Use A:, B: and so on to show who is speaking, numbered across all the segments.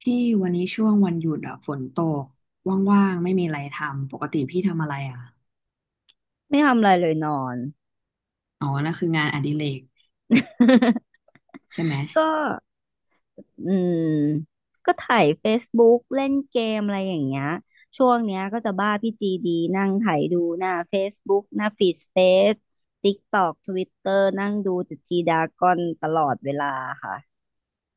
A: พี่วันนี้ช่วงวันหยุดอะฝนตกว่างๆไม่มีอะไรทำปกติพี่ทำอะไรอะ
B: ไม่ทำอะไรเลยนอน
A: อ๋อนั่นคืองานอดิเรก ใช่ไหม
B: ก็อืมก็ถ่าย Facebook เล่นเกมอะไรอย่างเงี้ยช่วงเนี้ยก็จะบ้าพี่จีดีนั่งถ่ายดูหน้า Facebook หน้าฟีดเฟซติ๊กตอกทวิตเตอร์นั่งดูแต่จีดากอนตลอดเวลาค่ะ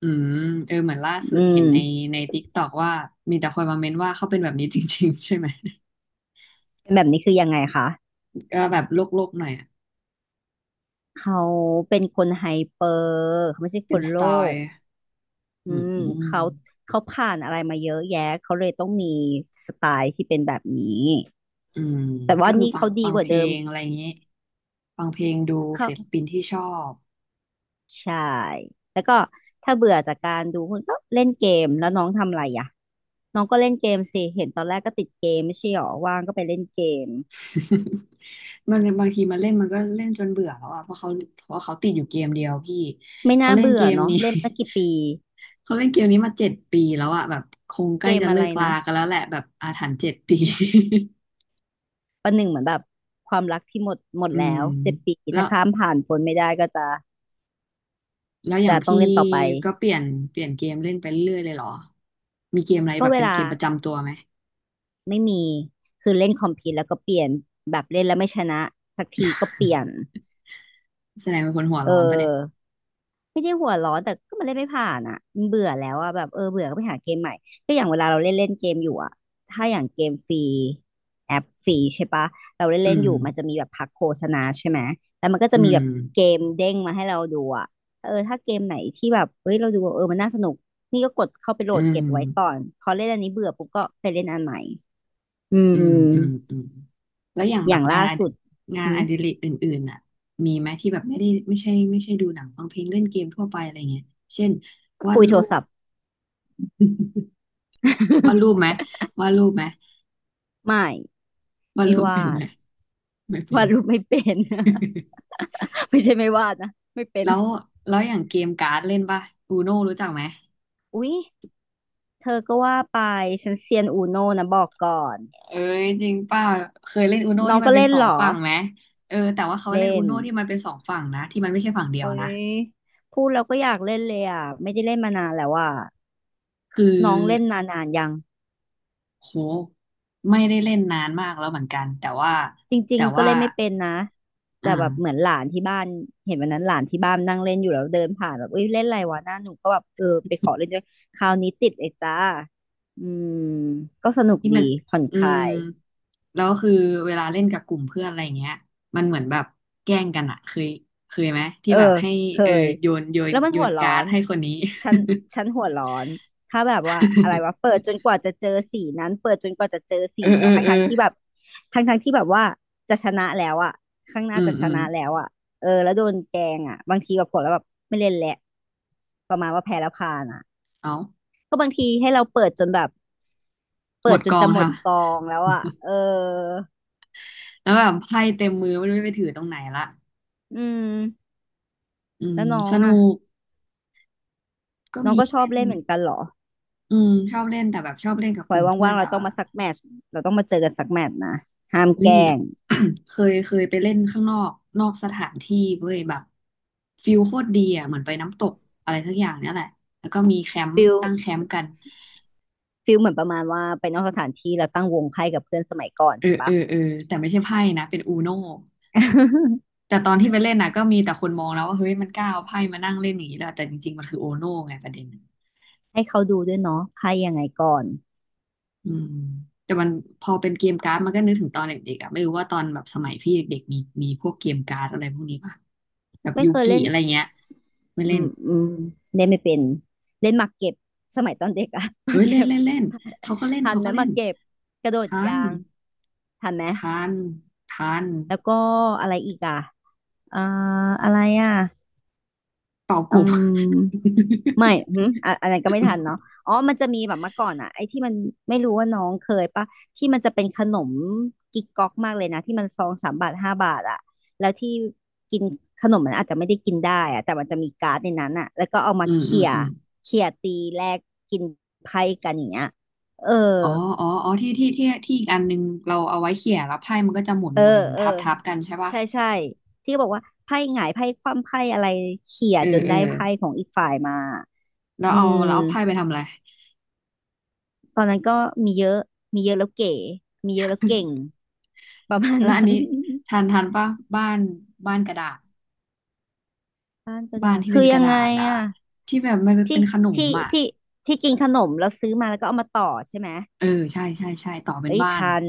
A: อืมเออเหมือนล่าสุ
B: อื
A: ดเห็
B: ม
A: นในติกตอกว่ามีแต่คนมาเม้นว่าเขาเป็นแบบนี้จริงๆ ใช่ไหม
B: เป็นแบบนี้คือยังไงคะ
A: ก็แบบโลกๆหน่อยอะ
B: เขาเป็นคนไฮเปอร์เขาไม่ใช่ค
A: เป็น
B: น
A: ส
B: โล
A: ไต
B: ก
A: ล์
B: อื
A: อืม
B: ม
A: อืม
B: เขาเขาผ่านอะไรมาเยอะแยะเขาเลยต้องมีสไตล์ที่เป็นแบบนี้
A: อืม
B: แต่
A: ก็
B: ว่า
A: คือ
B: นี่
A: ฟัง
B: เขาดี
A: ฟัง
B: ก
A: เพ
B: ว่า
A: ล
B: เดิม
A: งอะไรอย่างนี้ฟังเพลงดู
B: เขา
A: ศิลปินที่ชอบ
B: ใช่แล้วก็ถ้าเบื่อจากการดูคุณก็เล่นเกมแล้วน้องทำอะไรอ่ะน้องก็เล่นเกมสิเห็นตอนแรกก็ติดเกมไม่ใช่หรอว่างก็ไปเล่นเกม
A: มันบางทีมันเล่นมันก็เล่นจนเบื่อแล้วอ่ะเพราะเขาติดอยู่เกมเดียวพี่
B: ไม่
A: เขา
B: น่า
A: เล่น
B: เบื่
A: เก
B: อ
A: ม
B: เนาะ
A: นี้
B: เล่นมากี่ปี
A: เขาเล่นเกมนี้มาเจ็ดปีแล้วอ่ะแบบคงใก
B: เก
A: ล้
B: ม
A: จะ
B: อะ
A: เลิ
B: ไร
A: กลา
B: นะ
A: กันแล้วแหละแบบอาถรรพ์เจ็ดปี
B: ประหนึ่งเหมือนแบบความรักที่หมดหม ด
A: อื
B: แล้
A: ม
B: วเจ็ดปี
A: แล้
B: ถ้า
A: ว
B: ข้ามผ่านพ้นไม่ได้ก็จะ
A: อย่าง
B: จะต้อง
A: พี่
B: เล่นต่อไป
A: ก็เปลี่ยนเกมเล่นไปเรื่อยเลยเหรอมีเกมอะไร
B: ก็
A: แบบ
B: เว
A: เป็นเก
B: ลา
A: มประจำตัวไหม
B: ไม่มีคือเล่นคอมพิวแล้วก็เปลี่ยนแบบเล่นแล้วไม่ชนะสักทีก็เปลี่ยน
A: แสดงเป็นคนหัว
B: เออ
A: ร้อนปะเนี่ย
B: ไม่ได้หัวร้อนแต่ก็มันเล่นไม่ผ่านอ่ะมันเบื่อแล้วอ่ะแบบเออเบื่อก็ไปหาเกมใหม่ก็อย่างเวลาเราเล่นเล่นเกมอยู่อ่ะถ้าอย่างเกมฟรีแอปฟรีใช่ปะเราเล่น
A: อื
B: เล่น
A: ม
B: อยู่มันจะมีแบบพักโฆษณาใช่ไหมแล้วมันก็
A: อื
B: จะมีแบ
A: ม
B: บเกมเด้งมาให้เราดูอ่ะเออถ้าเกมไหนที่แบบเฮ้ยเราดูเออมันน่าสนุกนี่ก็กดเข้าไปโหล
A: อื
B: ด
A: ม
B: เก็บไว้ก่อนพอเล่นอันนี้เบื่อปุ๊บก็ไปเล่นอันใหม่อื
A: อื
B: ม
A: มอืมอืม แล้วอย่าง
B: อ
A: แบ
B: ย่า
A: บ
B: งล่าสุด
A: งาน
B: หื
A: อ
B: ม
A: ดิเรกอื่นๆน่ะมีไหมที่แบบไม่ใช่ดูหนังฟังเพลงเล่นเกมทั่วไปอะไรเงี้ยเช่นวา
B: คุ
A: ด
B: ยโท
A: รู
B: ร
A: ป
B: ศัพท์
A: วาดรูป ไหมวาดรูปไหม
B: ไม่
A: วาด
B: ไม่
A: รูปเป็น
B: วา
A: ไหม
B: ด
A: ไม่เป็
B: วา
A: น
B: ดรูปไม่เป็น ไม่ใช่ไม่วาดนะไม่เป็น
A: แล้วอย่างเกมการ์ดเล่นป่ะอูโน่รู้จักไหม
B: อุ๊ยเธอก็ว่าไปฉันเซียนอูโน่นะบอกก่อน
A: เอ้ยจริงป่ะเคยเล่นอูโน่
B: น้อ
A: ที่
B: ง
A: มั
B: ก็
A: นเป็น
B: เล่น
A: สอ
B: เห
A: ง
B: รอ
A: ฝั่งไหมเออแต่ว่าเขาเล่น
B: เล่
A: อู
B: น
A: โน่ที่มันเป็นสองฝั่งนะที่มันไม่ใช่ฝั่งเดียว
B: อุ๊
A: นะ
B: ยพูดแล้วก็อยากเล่นเลยอ่ะไม่ได้เล่นมานานแล้วอ่ะ
A: คือ
B: น้องเล่นมานานยัง
A: โหไม่ได้เล่นนานมากแล้วเหมือนกันแต่ว่า
B: จริ
A: แต่
B: งๆก็
A: ว่า
B: เล่นไม่เป็นนะแต่
A: อ่า
B: แบบเหมือนหลานที่บ้านเห็นวันนั้นหลานที่บ้านนั่งเล่นอยู่แล้วเดินผ่านแบบเอ้ยเล่นอะไรวะหน้าหนูก็แบบเออไปขอเล่นด้วยคราวนี้ติดเลยจ้าอืมก็สนุก
A: ที่
B: ดี
A: มัน
B: ผ่อน
A: อื
B: คลา
A: ม
B: ย
A: แล้วคือเวลาเล่นกับกลุ่มเพื่อนอะไรเงี้ยมันเหมือนแบบแกล้งกันอะเคยไหมที่
B: เออ
A: แบบให้
B: เค
A: เออ
B: ย
A: โยน
B: แล้วมันหัวร้อ
A: การ์ด
B: น
A: ให้คนนี้
B: ฉันฉันหัวร้อนถ้าแบบว่าอะไรวะเปิ ดจนกว่าจะเจอสีนั้นเปิดจนกว่าจะเจอสี
A: เออเอ
B: เนี้
A: อ
B: ยทั้ง
A: เออ
B: ทั้งที่แบบทั้งที่แบบว่าจะชนะแล้วอะข้างห
A: อื
B: น้า
A: ม
B: จะช
A: อืม
B: นะแล้วอะเออแล้วโดนแกงอะบางทีแบบผลแล้วแบบไม่เล่นแหละประมาณว่าแพ้แล้วพานอะ
A: เอา
B: ก็บางทีให้เราเปิดจนแบบ
A: หม
B: เปิด
A: ด
B: จ
A: ก
B: น
A: อ
B: จะ
A: ง
B: หม
A: ท
B: ดกองแล้วอะเออ
A: ำแล้วแบบไพ่เต็มมือไม่รู้จะไปถือตรงไหนละ
B: อืม
A: อื
B: แล้
A: ม
B: วน้อ
A: ส
B: ง
A: นุ
B: อะ
A: กก็
B: น้อง
A: มี
B: ก็ชอบ
A: เล่น
B: เล่นเหมือนกันเหรอ
A: อืมชอบเล่นแต่แบบชอบเล่นกับ
B: พล
A: ก
B: อย
A: ลุ่มเพื่อ
B: ว่า
A: น
B: งๆ
A: แต่
B: เราต้องมาสักแมตช์เราต้องมาเจอกันสักแมตช์นะห้าม
A: อุ้
B: แก
A: ย
B: ล้ง
A: เคยไปเล่นข้างนอกนอกสถานที่เว้ยแบบฟิลโคตรดีอ่ะเหมือนไปน้ำตกอะไรสักอย่างเนี่ยแหละแล้วก็มีแคมป์
B: ฟิล
A: ตั้งแคมป์กัน
B: ฟิลเหมือนประมาณว่าไปนอกสถานที่แราตั้งวงไพ่กับเพื่อนสมัยก่อน
A: เออ
B: ใช่
A: เอ
B: ปะ
A: อเออแต่ไม่ใช่ไพ่นะเป็นอูโน่ แต่ตอนที่ไปเล่นนะก็มีแต่คนมองแล้วว่าเฮ้ยมันกล้าเอาไพ่มานั่งเล่นอย่างนี้แล้วแต่จริงๆมันคืออูโน่ไงประเด็น
B: ให้เขาดูด้วยเนาะไพ่ยังไงก่อน
A: อืมแต่มันพอเป็นเกมการ์ดมันก็นึกถึงตอนเด็กๆอ่ะไม่รู้ว่าตอนแบบสมัยพี่เด็กๆมีพวกเกมการ์ดอะไรพวกนี้ป่ะแบบ
B: ไม่
A: ยู
B: เคย
A: กิ
B: เล่น
A: อะไรเงี้ยไม่
B: อื
A: เล่น
B: มอืมเล่นไม่เป็นเล่นหมากเก็บสมัยตอนเด็กอะ หมา
A: เฮ้
B: ก
A: ยเล่
B: เก็
A: น
B: บ
A: เล่นเล่น
B: ทัน
A: เขา
B: ไหม
A: ก็
B: ห
A: เล่
B: มา
A: น
B: กเก็บกระโดด
A: ทา
B: ยา
A: น
B: งทันไหม
A: ทันทัน
B: แล้วก็อะไรอีกอะอ่าอะไรอะ
A: เป่าก
B: อื
A: บ
B: ม ไม่หืมอะอะไรก็ไม่ทันเนาะอ๋อมันจะมีแบบเมื่อก่อนอะไอ้ที่มันไม่รู้ว่าน้องเคยปะที่มันจะเป็นขนมกิ๊กก๊อกมากเลยนะ ที่มันซองสามบาทห้าบาทอะแล้วที่กินขนมมันอาจจะไม่ได้กินได้อะแต่มันจะมีการ์ดในนั้นอะแล้วก็เอา มา
A: อืมอื
B: เขี่
A: ม
B: ย
A: อืม
B: เขี่ยตีแลกกินไพ่กันอย่างเงี้ยเออ
A: อ๋ออ๋ออ๋อที่อีกอันนึงเราเอาไว้เขี่ยแล้วไพ่มันก็จะหมุน
B: เออ
A: หมุนหมุน
B: เออ
A: ทับทับกันใช่ป่ะ
B: ใช่ใช่ที่บอกว่าไพ่หงายไพ่คว่ำไพ่อะไรเขี่ย
A: เออ
B: จน
A: เออ
B: ได้ไพ่ของอีกฝ่ายมา
A: แล้ว
B: อื
A: เอา
B: ม
A: ไพ่ไปทำอะไร
B: ตอนนั้นก็มีเยอะ มีเยอะแล้วเก๋มีเยอะแล้วเก่งประมาณ
A: แล้วอัน
B: นั้น
A: นี้ทันทันป่ะบ้านกระดาษ
B: บ้านกระ
A: บ้าน
B: ดาษ
A: ที่เป็
B: คื
A: น
B: อ
A: ก
B: ยั
A: ระ
B: ง
A: ดา
B: ไง
A: ษอ่ะ
B: อะ
A: ที่แบบมันเป็
B: ที่
A: นขนม
B: ที่
A: อ่ะ
B: ที่ที่กินขนมแล้วซื้อมาแล้วก็เอามาต่อใช่ไหม
A: เออใช่ใช่ใช่ต่อเป็น
B: เอ้ย
A: บ้าน
B: ทัน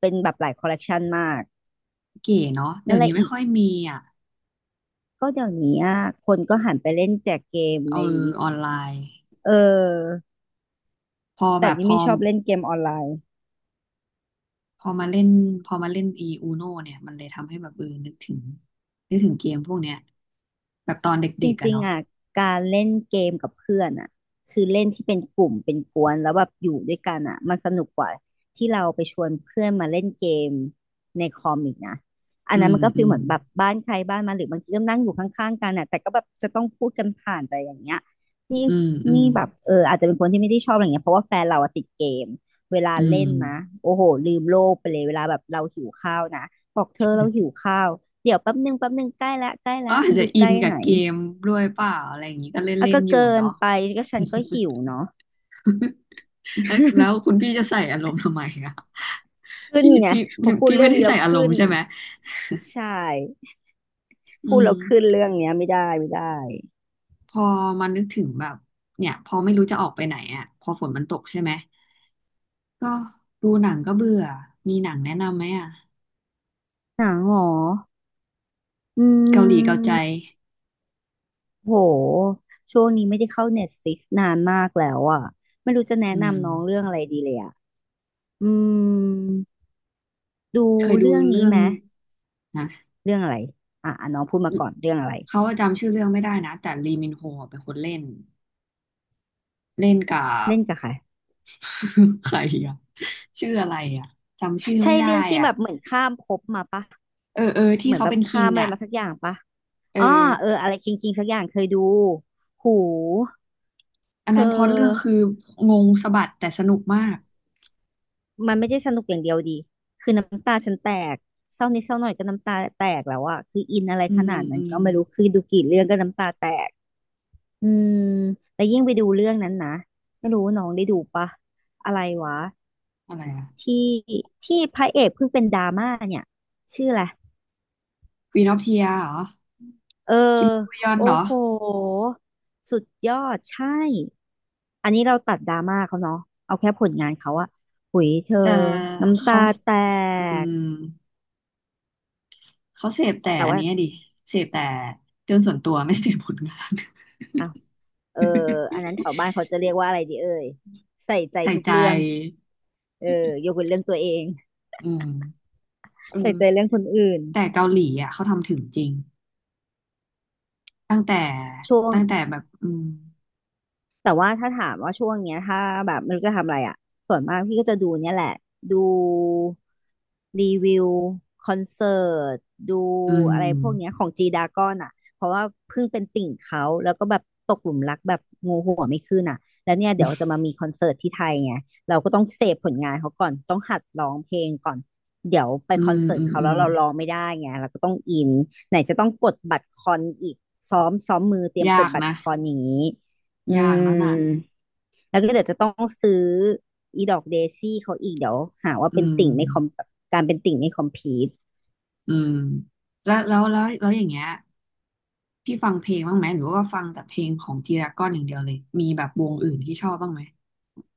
B: เป็นแบบหลายคอลเลกชันมาก
A: เก๋เนาะเดี๋
B: นั่
A: ย
B: น
A: ว
B: แห
A: นี้
B: ละ
A: ไม่
B: อีก
A: ค่อยมีอ่ะ
B: ก็เดี๋ยวนี้อะคนก็หันไปเล่นแจกเกม
A: เอ
B: ใน
A: อออนไลน์
B: เออ
A: พอแบ
B: แต่
A: บ
B: นี่ไม่ชอบเล่นเกมออนไลน์
A: พอมาเล่นอีอูโนเนี่ยมันเลยทำให้แบบเออนึกถึงเกมพวกเนี้ยแบบตอน
B: จ
A: เด็กๆอะ
B: ริง
A: เนาะ
B: ๆอ่ะการเล่นเกมกับเพื่อนอ่ะคือเล่นที่เป็นกลุ่มเป็นกวนแล้วแบบอยู่ด้วยกันอ่ะมันสนุกกว่าที่เราไปชวนเพื่อนมาเล่นเกมในคอมอีกนะอั
A: อื
B: นนั้น
A: ม
B: มันก็
A: อื
B: ฟีล
A: ม
B: เหมือนแบบบ้านใครบ้านมันหรือบางทีก็นั่งอยู่ข้างๆกันอ่ะแต่ก็แบบจะต้องพูดกันผ่านไปอย่างเงี้ยนี่
A: อืมอืม
B: นี่แบบเอออาจจะเป็นคนที่ไม่ได้ชอบอะไรเงี้ยเพราะว่าแฟนเราอะติดเกม เวลา
A: อืม
B: เล่นนะโอ้โหลืมโลกไปเลยเวลาแบบเราหิวข้าวนะบอกเธอเราหิวข้าวเดี๋ยวแป๊บนึงแป๊บนึงใกล้ละใกล้
A: ก็
B: ละ
A: อาจ
B: ไม่
A: จะ
B: รู้
A: อิ
B: ใก
A: น
B: ล้
A: กับ
B: ไหน
A: เกมด้วยเปล่าอะไรอย่างงี้ก็เล่น
B: อ่ะ
A: เล่น
B: ก็
A: อยู่
B: เกิน
A: เนาะ
B: ไปก็ฉันก็หิวเนาะ
A: แล้วคุณ พี่จะใส่อารมณ์ทำไมอะ
B: ขึ้น
A: พี่
B: ไง
A: พี่
B: พอพูดเรื่
A: ไม่
B: อง
A: ได้
B: นี้แล้
A: ใส่
B: ว
A: อารม
B: ขึ้
A: ณ์
B: น
A: ใช่ไหม
B: ใช่
A: อื
B: พูด
A: ม
B: แล้วขึ้นเรื่องเนี้ยไม่ได้
A: พอมันนึกถึงแบบเนี่ยพอไม่รู้จะออกไปไหนอะพอฝนมันตกใช่ไหม ก็ดูหนังก็เบื่อ มีหนังแนะนำไหมอ่ะ
B: หนังเหรออื
A: เกาหลีเกา
B: ม
A: ใจ
B: โหช่วงนี้ไม่ได้เข้า Netflixนานมากแล้วอ่ะไม่รู้จะแนะ
A: อืม
B: นำน้องเรื่องอะไรดีเลยอ่ะอืมดู
A: เคยดู
B: เรื่องนี้
A: เรื่อง
B: ไหม
A: นะ
B: เรื่องอะไรอ่ะอ่ะน้องพูดมาก่อนเรื่องอะไร
A: เขาจำชื่อเรื่องไม่ได้นะแต่ลีมินโฮเป็นคนเล่นเล่นกับ
B: เล่นกับใคร
A: ใครอ่ะชื่ออะไรอ่ะจำชื่อ
B: ใช่
A: ไม่ได้
B: เรื่องที่
A: อ่ะ
B: แบบเหมือนข้ามภพมาปะ
A: เออเออที่
B: เหมือน
A: เขา
B: แบบ
A: เป็นคิ
B: ข้า
A: ง
B: มอะไร
A: อ่ะ
B: มาสักอย่างปะ
A: เออ
B: อ้ออะไรกิงกิงสักอย่างเคยดูหู
A: อัน
B: เธอ
A: นั้นพล็อตเรื่องคืองงสะบัดแต่สนุกมาก
B: มันไม่ใช่สนุกอย่างเดียวดีคือน้ำตาฉันแตกเศร้านิดเศร้าหน่อยก็น้ำตาแตกแล้วอะคืออินอะไร
A: อื
B: ข
A: ม
B: นาดนั้
A: อื
B: น
A: ม
B: ก็ไม่รู้คือดูกี่เรื่องก็น้ำตาแตกอืมแล้วยิ่งไปดูเรื่องนั้นนะไม่รู้น้องได้ดูปะอะไรวะ
A: อะไรอ่ะ
B: ที่ที่พระเอกเพิ่งเป็นดราม่าเนี่ยชื่ออะไร
A: Queen of Tears เหรอ
B: เออ
A: คิมบูยอน
B: โอ้
A: เหรอ
B: โหสุดยอดใช่อันนี้เราตัดดราม่าเขาเนาะเอาแค่ผลงานเขาอะหุยเธอ
A: แต่
B: น้ำตา
A: เขา
B: แต
A: อื
B: ก
A: ม เขาเสพแต่
B: แต่
A: อัน
B: ว่า
A: นี้ดิเสพแต่เรื่องส่วนตัว ไม่เสพผลงาน
B: อ้าวเอออันนั้นแถวบ้าน เขาจะเรียกว่าอะไรดีเอ่ยใส่ใจ
A: ใส่
B: ทุก
A: ใจ
B: เรื่องเออยกเว้นเรื่องตัวเอง
A: อืมเอ
B: ใส่
A: อ
B: ใจเรื่องคนอื่น
A: แต่เกาหลีอ่ะเขาทำถึงจริงตั้งแต่
B: ช่วง
A: แบบอืม
B: แต่ว่าถ้าถามว่าช่วงเนี้ยถ้าแบบไม่รู้จะทำอะไรอ่ะส่วนมากพี่ก็จะดูเนี่ยแหละ ดูรีวิวคอนเสิร์ตดู
A: อื
B: อะไรพวกเนี้ย
A: ม
B: ของจีดากอนอ่ะเพราะว่าเพิ่งเป็นติ่งเขาแล้วก็แบบตกหลุมรักแบบงูหัวไม่ขึ้นอ่ะแล้วเนี่ยเดี๋ยวจะมามีคอนเสิร์ตที่ไทยไงเราก็ต้องเสพผลงานเขาก่อนต้องหัดร้องเพลงก่อนเดี๋ยวไป
A: อื
B: คอน
A: ม
B: เสิร์ต
A: อืม
B: เขา
A: อื
B: แล้ว
A: ม
B: เราร้องไม่ได้ไงเราก็ต้องอินไหนจะต้องกดบัตรคอนอีกซ้อมมือเตรียมก
A: ยา
B: ด
A: ก
B: บัตร
A: นะ
B: คอนอย่างนี้ อื
A: ยาก
B: ม
A: นั่นน่ะ
B: แล้วก็เดี๋ยวจะต้องซื้ออีดอกเดซี่เขาอีกเดี๋ยวหาว่า
A: อื
B: เป็น
A: ม
B: ติ่งไม่คอมแบบการเป็นติ่งไม่คอมพีท
A: อืมแล้วอย่างเงี้ยพี่ฟังเพลงบ้างไหมหรือว่าฟังแต่เพลงของจีราก้อนอย่างเดียวเลยมีแบบวงอื่นที่ชอบบ้างไหม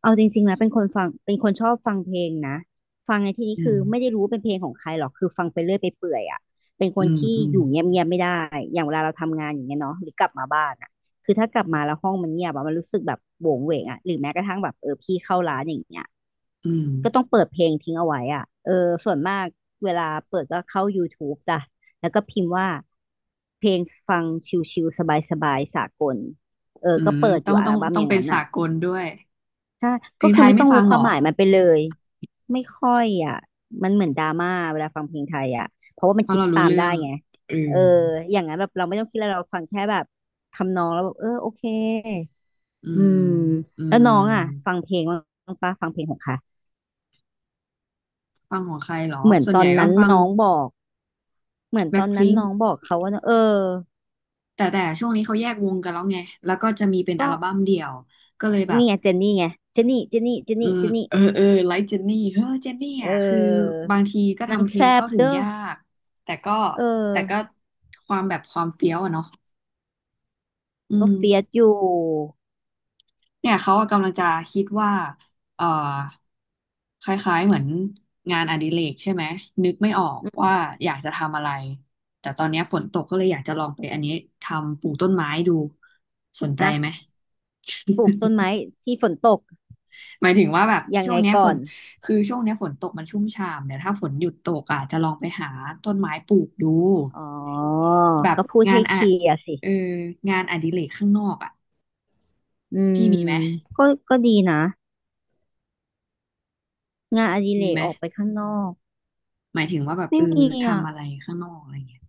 B: เอาจริงๆนะเป็นคนฟังเป็นคนชอบฟังเพลงนะฟังในที่นี้
A: อื
B: คื
A: ม
B: อไม่ได้รู้ว่าเป็นเพลงของใครหรอกคือฟังไปเรื่อยไปเปื่อยอ่ะเป็นค
A: อื
B: น
A: ม
B: ที่
A: อืม
B: อยู่เงียบๆไม่ได้อย่างเวลาเราทำงานอย่างเงี้ยเนาะหรือกลับมาบ้านอ่ะคือถ้ากลับมาแล้วห้องมันเงียบอะมันรู้สึกแบบโหวงเหวงอ่ะหรือแม้กระทั่งแบบเออพี่เข้าร้านอย่างเงี้ย
A: อืม
B: ก็ต้องเปิดเพลงทิ้งเอาไว้อ่ะเออส่วนมากเวลาเปิดก็เข้า YouTube จ้ะแล้วก็พิมพ์ว่าเพลงฟังชิลๆสบายๆสากลเออ
A: อื
B: ก็
A: ม
B: เปิดอ
A: ต้อ
B: ยู่
A: ง
B: อั
A: ต้อ
B: ล
A: ง
B: บั้ม
A: ต้อ
B: อ
A: ง
B: ย่าง
A: เป็น
B: นั้น
A: สา
B: อ่ะ
A: กลด้วย
B: ใช่
A: เพ
B: ก็
A: ลง
B: คื
A: ไท
B: อ
A: ย
B: ไม่
A: ไม่
B: ต้อง
A: ฟั
B: รู้
A: ง
B: ค
A: เหร
B: วาม
A: อ
B: หมายมันไปเลยไม่ค่อยอ่ะมันเหมือนดราม่าเวลาฟังเพลงไทยอ่ะเพราะว่ามัน
A: เพราะ
B: คิด
A: เรารู้
B: ตาม
A: เรื่
B: ได้
A: อง
B: ไง
A: อื
B: เอ
A: ม
B: ออย่างนั้นแบบเราไม่ต้องคิดอะไรเราฟังแค่แบบทำนองแล้วแบบเออโอเค
A: อื
B: อื
A: ม
B: ม
A: อื
B: แล้ว
A: ม
B: น้องอ่ะฟังเพลงบ้างปะฟังเพลงของค่ะ
A: ฟังของใครเหรอ
B: เหมือน
A: ส่ว
B: ต
A: น
B: อ
A: ใหญ่
B: น
A: ก็
B: นั้น
A: ฟัง
B: น้องบอก เหมือนต
A: แบ็ค
B: อนนั้
A: พิ
B: น
A: ง
B: น้
A: ค์
B: องบอกเขาว่าเออ
A: แต่ช่วงนี้เขาแยกวงกันแล้วไงแล้วก็จะมีเป็นอั
B: ก็
A: ลบั้มเดี่ยวก็เลยแบบ
B: นี่ไงเจนนี่ไงเจนนี่เจนนี่เจน
A: อื
B: นี่
A: ม
B: เจนนี่
A: เออไลค์เจนนี่เฮ้อเจนนี่
B: เ
A: อ่ะคือ
B: ออ
A: บางทีก็
B: นาง
A: ทำเพล
B: แซ
A: ง
B: บ
A: เข้าถึง
B: เด้อ
A: ยากแต่ก็
B: เออ
A: แต่ก็ความแบบความเฟี้ยวอะเนาะอื
B: ก็
A: ม
B: เฟียสอยู่
A: เนี่ยเขากำลังจะคิดว่าเอ่อคล้ายๆเหมือนงานอดิเรกใช่ไหมนึกไม่ออก
B: อื
A: ว่า
B: ม
A: อยากจะทำอะไรแต่ตอนเนี้ยฝนตกก็เลยอยากจะลองไปอันนี้ทำปลูกต้นไม้ดูสนใจไห
B: อะ
A: ม
B: ปลูกต้นไม้ที่ฝนตก
A: หมายถึงว่าแบบ
B: ยัง
A: ช่ว
B: ไง
A: งเนี้ยฝ
B: ก่อ
A: น
B: น
A: คือช่วงเนี้ยฝนตกมันชุ่มฉ่ำเดี๋ยวถ้าฝนหยุดตกอ่ะจะลองไปหาต้นไม้ปลูกดู
B: อ๋อ
A: แบบ
B: ก็พูด
A: งาน
B: ให้
A: อะ
B: เคลียร์สิ
A: เอองานอดิเรกข้างนอกอ่ะ
B: อื
A: พี่มี
B: ม
A: ไหม
B: ก็ก็ดีนะงานอดิเร
A: มี
B: ก
A: ไหม
B: ออกไปข้างนอก
A: หมายถึงว่าแบบ
B: ไม่
A: เออ
B: มีอ่ะ
A: ทำอะไรข้างนอกอะไรเงี้ย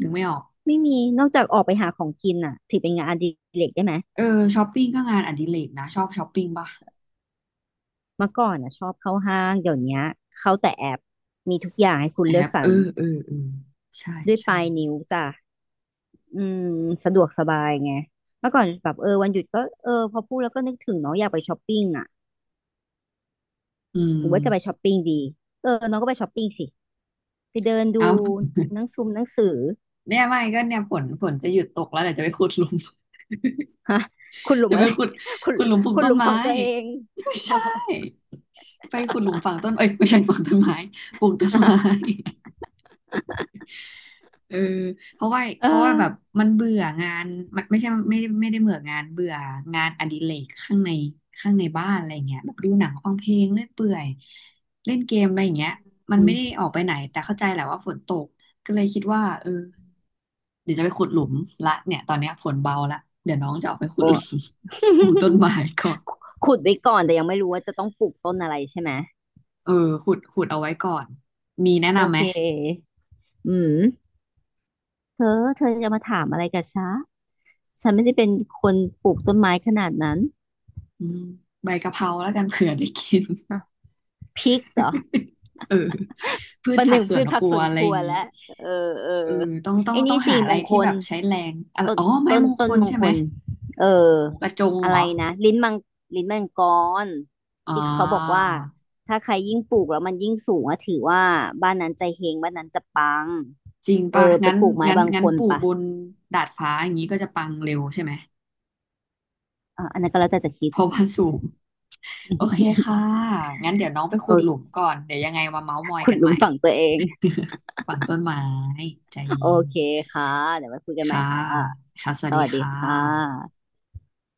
A: นึกไม่ออก
B: ไม่มีนอกจากออกไปหาของกินอ่ะถือเป็นงานอดิเรกได้ไหม
A: เออช้อปปิ้งก็งานอดิเรกนะชอบช้อปปิ้งป่ะ
B: เมื่อก่อนอ่ะชอบเข้าห้างเดี๋ยวเนี้ยเข้าแต่แอปมีทุกอย่างให้คุณ
A: แอ
B: เลือก
A: บ
B: สร
A: เอ
B: ร
A: อเออเออใช่
B: ด้วยป
A: ใช่
B: ลายนิ้วจ้ะอืมสะดวกสบายไงเมื่อก่อนแบบเออวันหยุดก็เออพอพูดแล้วก็นึกถึงเนาะอยากไปช้อปปิ้งอ่ะ
A: อื
B: หรือว่าจะไปช้
A: ม
B: อปปิ้งดีเออน้องก็ไปช้อปปิ้งสิไปเดินดู
A: เอา
B: หนังซุมหนังสือ
A: เนี่ยไม่ก็เนี่ยฝนจะหยุดตกแล้วเดี๋ยวจะไปขุดหลุม
B: คุณหลุ ม
A: จะ
B: อะ
A: ไป
B: ไร
A: ขุด
B: คุณ
A: ขุดหลุมปลูก
B: คุณ
A: ต้
B: ห
A: น
B: ลุม
A: ไม้
B: ฝังตัวเอง
A: ไม่ใช่ ไปขุดหลุมฝังต้นเอ้ยไม่ใช่ ฝังต้นไม้ปลูกต้นไม้ เออเพราะว่า
B: เอ
A: เพราะ
B: อ
A: ว่าแบบมันเบื่องานมันไม่ใช่ไม่ได้เบื่องานเบื่องานอดิเรกข้างในข้างในบ้านอะไรเงี้ยแบบดูหนังฟังเพลงเล่นเปื่อยเล่นเกมอะไรอย่างเงี้ยมัน
B: อื
A: ไม่
B: ม
A: ได้ออกไปไหนแต่เข้าใจแหละว่าฝนตกก็เลยคิดว่าเออเดี๋ยวจะไปขุดหลุมละเนี่ยตอนเนี้ยฝนเบาละเดี๋ยวน้องจะออกไปขุด
B: โอ้
A: หลุม ปลูกต้นไม้ก่อน
B: ขุดไว้ก่อนแต่ยังไม่รู้ว่าจะต้องปลูกต้นอะไรใช่ไหม
A: เออขุดเอาไว้ก่อนมีแนะ
B: โอ
A: นำไหม
B: เคอืม เธอจะมาถามอะไรกับฉันฉันไม่ได้เป็นคนปลูกต้นไม้ขนาดนั้น
A: อืมใบกะเพราแล้วกันเผื่อได้กิน
B: อ่ะพริกเหรอ
A: เออพื
B: ป
A: ช
B: ระห
A: ผัก
B: นึ่ง
A: สว
B: พื
A: น
B: ชผั
A: ค
B: ก
A: รั
B: ส
A: ว
B: วน
A: อะ
B: ค
A: ไรอ
B: รัว
A: ย่างนี้
B: แล้วเออเอ
A: เอ
B: อ
A: อต้องต้อง
B: ไอ้
A: ต้อ
B: นี่
A: งหา
B: สี่
A: อะ
B: ม
A: ไร
B: งค
A: ที่แบ
B: ล
A: บใช้แรงอะไร
B: ต้น
A: อ๋อไม้
B: ต้น
A: มงค
B: ต้น
A: ล
B: มง
A: ใช่
B: ค
A: ไหม
B: ลเออ
A: หมูกระจง
B: อะ
A: เหร
B: ไร
A: อ
B: นะ ลิ้นมังลิ้นมังกร
A: อ๋อ
B: ที่เขาบอกว่า ถ้าใครยิ่งปลูกแล้วมันยิ่งสูงอะถือว่าบ้านนั้นใจเฮงบ้านนั้นจะปัง
A: จริง
B: เอ
A: ป่ะ
B: อไป
A: งั้น
B: ปลูกไม้
A: งั้น
B: บาง
A: งั้
B: ค
A: น
B: น
A: ปลูก
B: ปะ
A: บนดาดฟ้าอย่างนี้ก็จะปังเร็วใช่ไหม
B: อ่ะอันนั้นก็แล้วแต่จะคิ
A: เพ
B: ด
A: ราะว่าสูงโอเคค่ะ งั้นเดี๋ยวน้องไปขุ
B: เอ
A: ด
B: อ
A: หลุมก่อนเดี๋ยวยังไงมาเม้าท์มอย
B: ขุด
A: กัน
B: ห
A: ให
B: ลุ
A: ม่
B: มฝังตัวเอง
A: ฝั่งต้นไม้ใจ
B: โอ
A: เย็น
B: เคค่ะเดี๋ยวไว้คุยกันใหม่
A: ค่ะ
B: ค่ะ
A: ค่ะสวั
B: ส
A: สดี
B: วัสดี
A: ค่
B: ค่ะ
A: ะ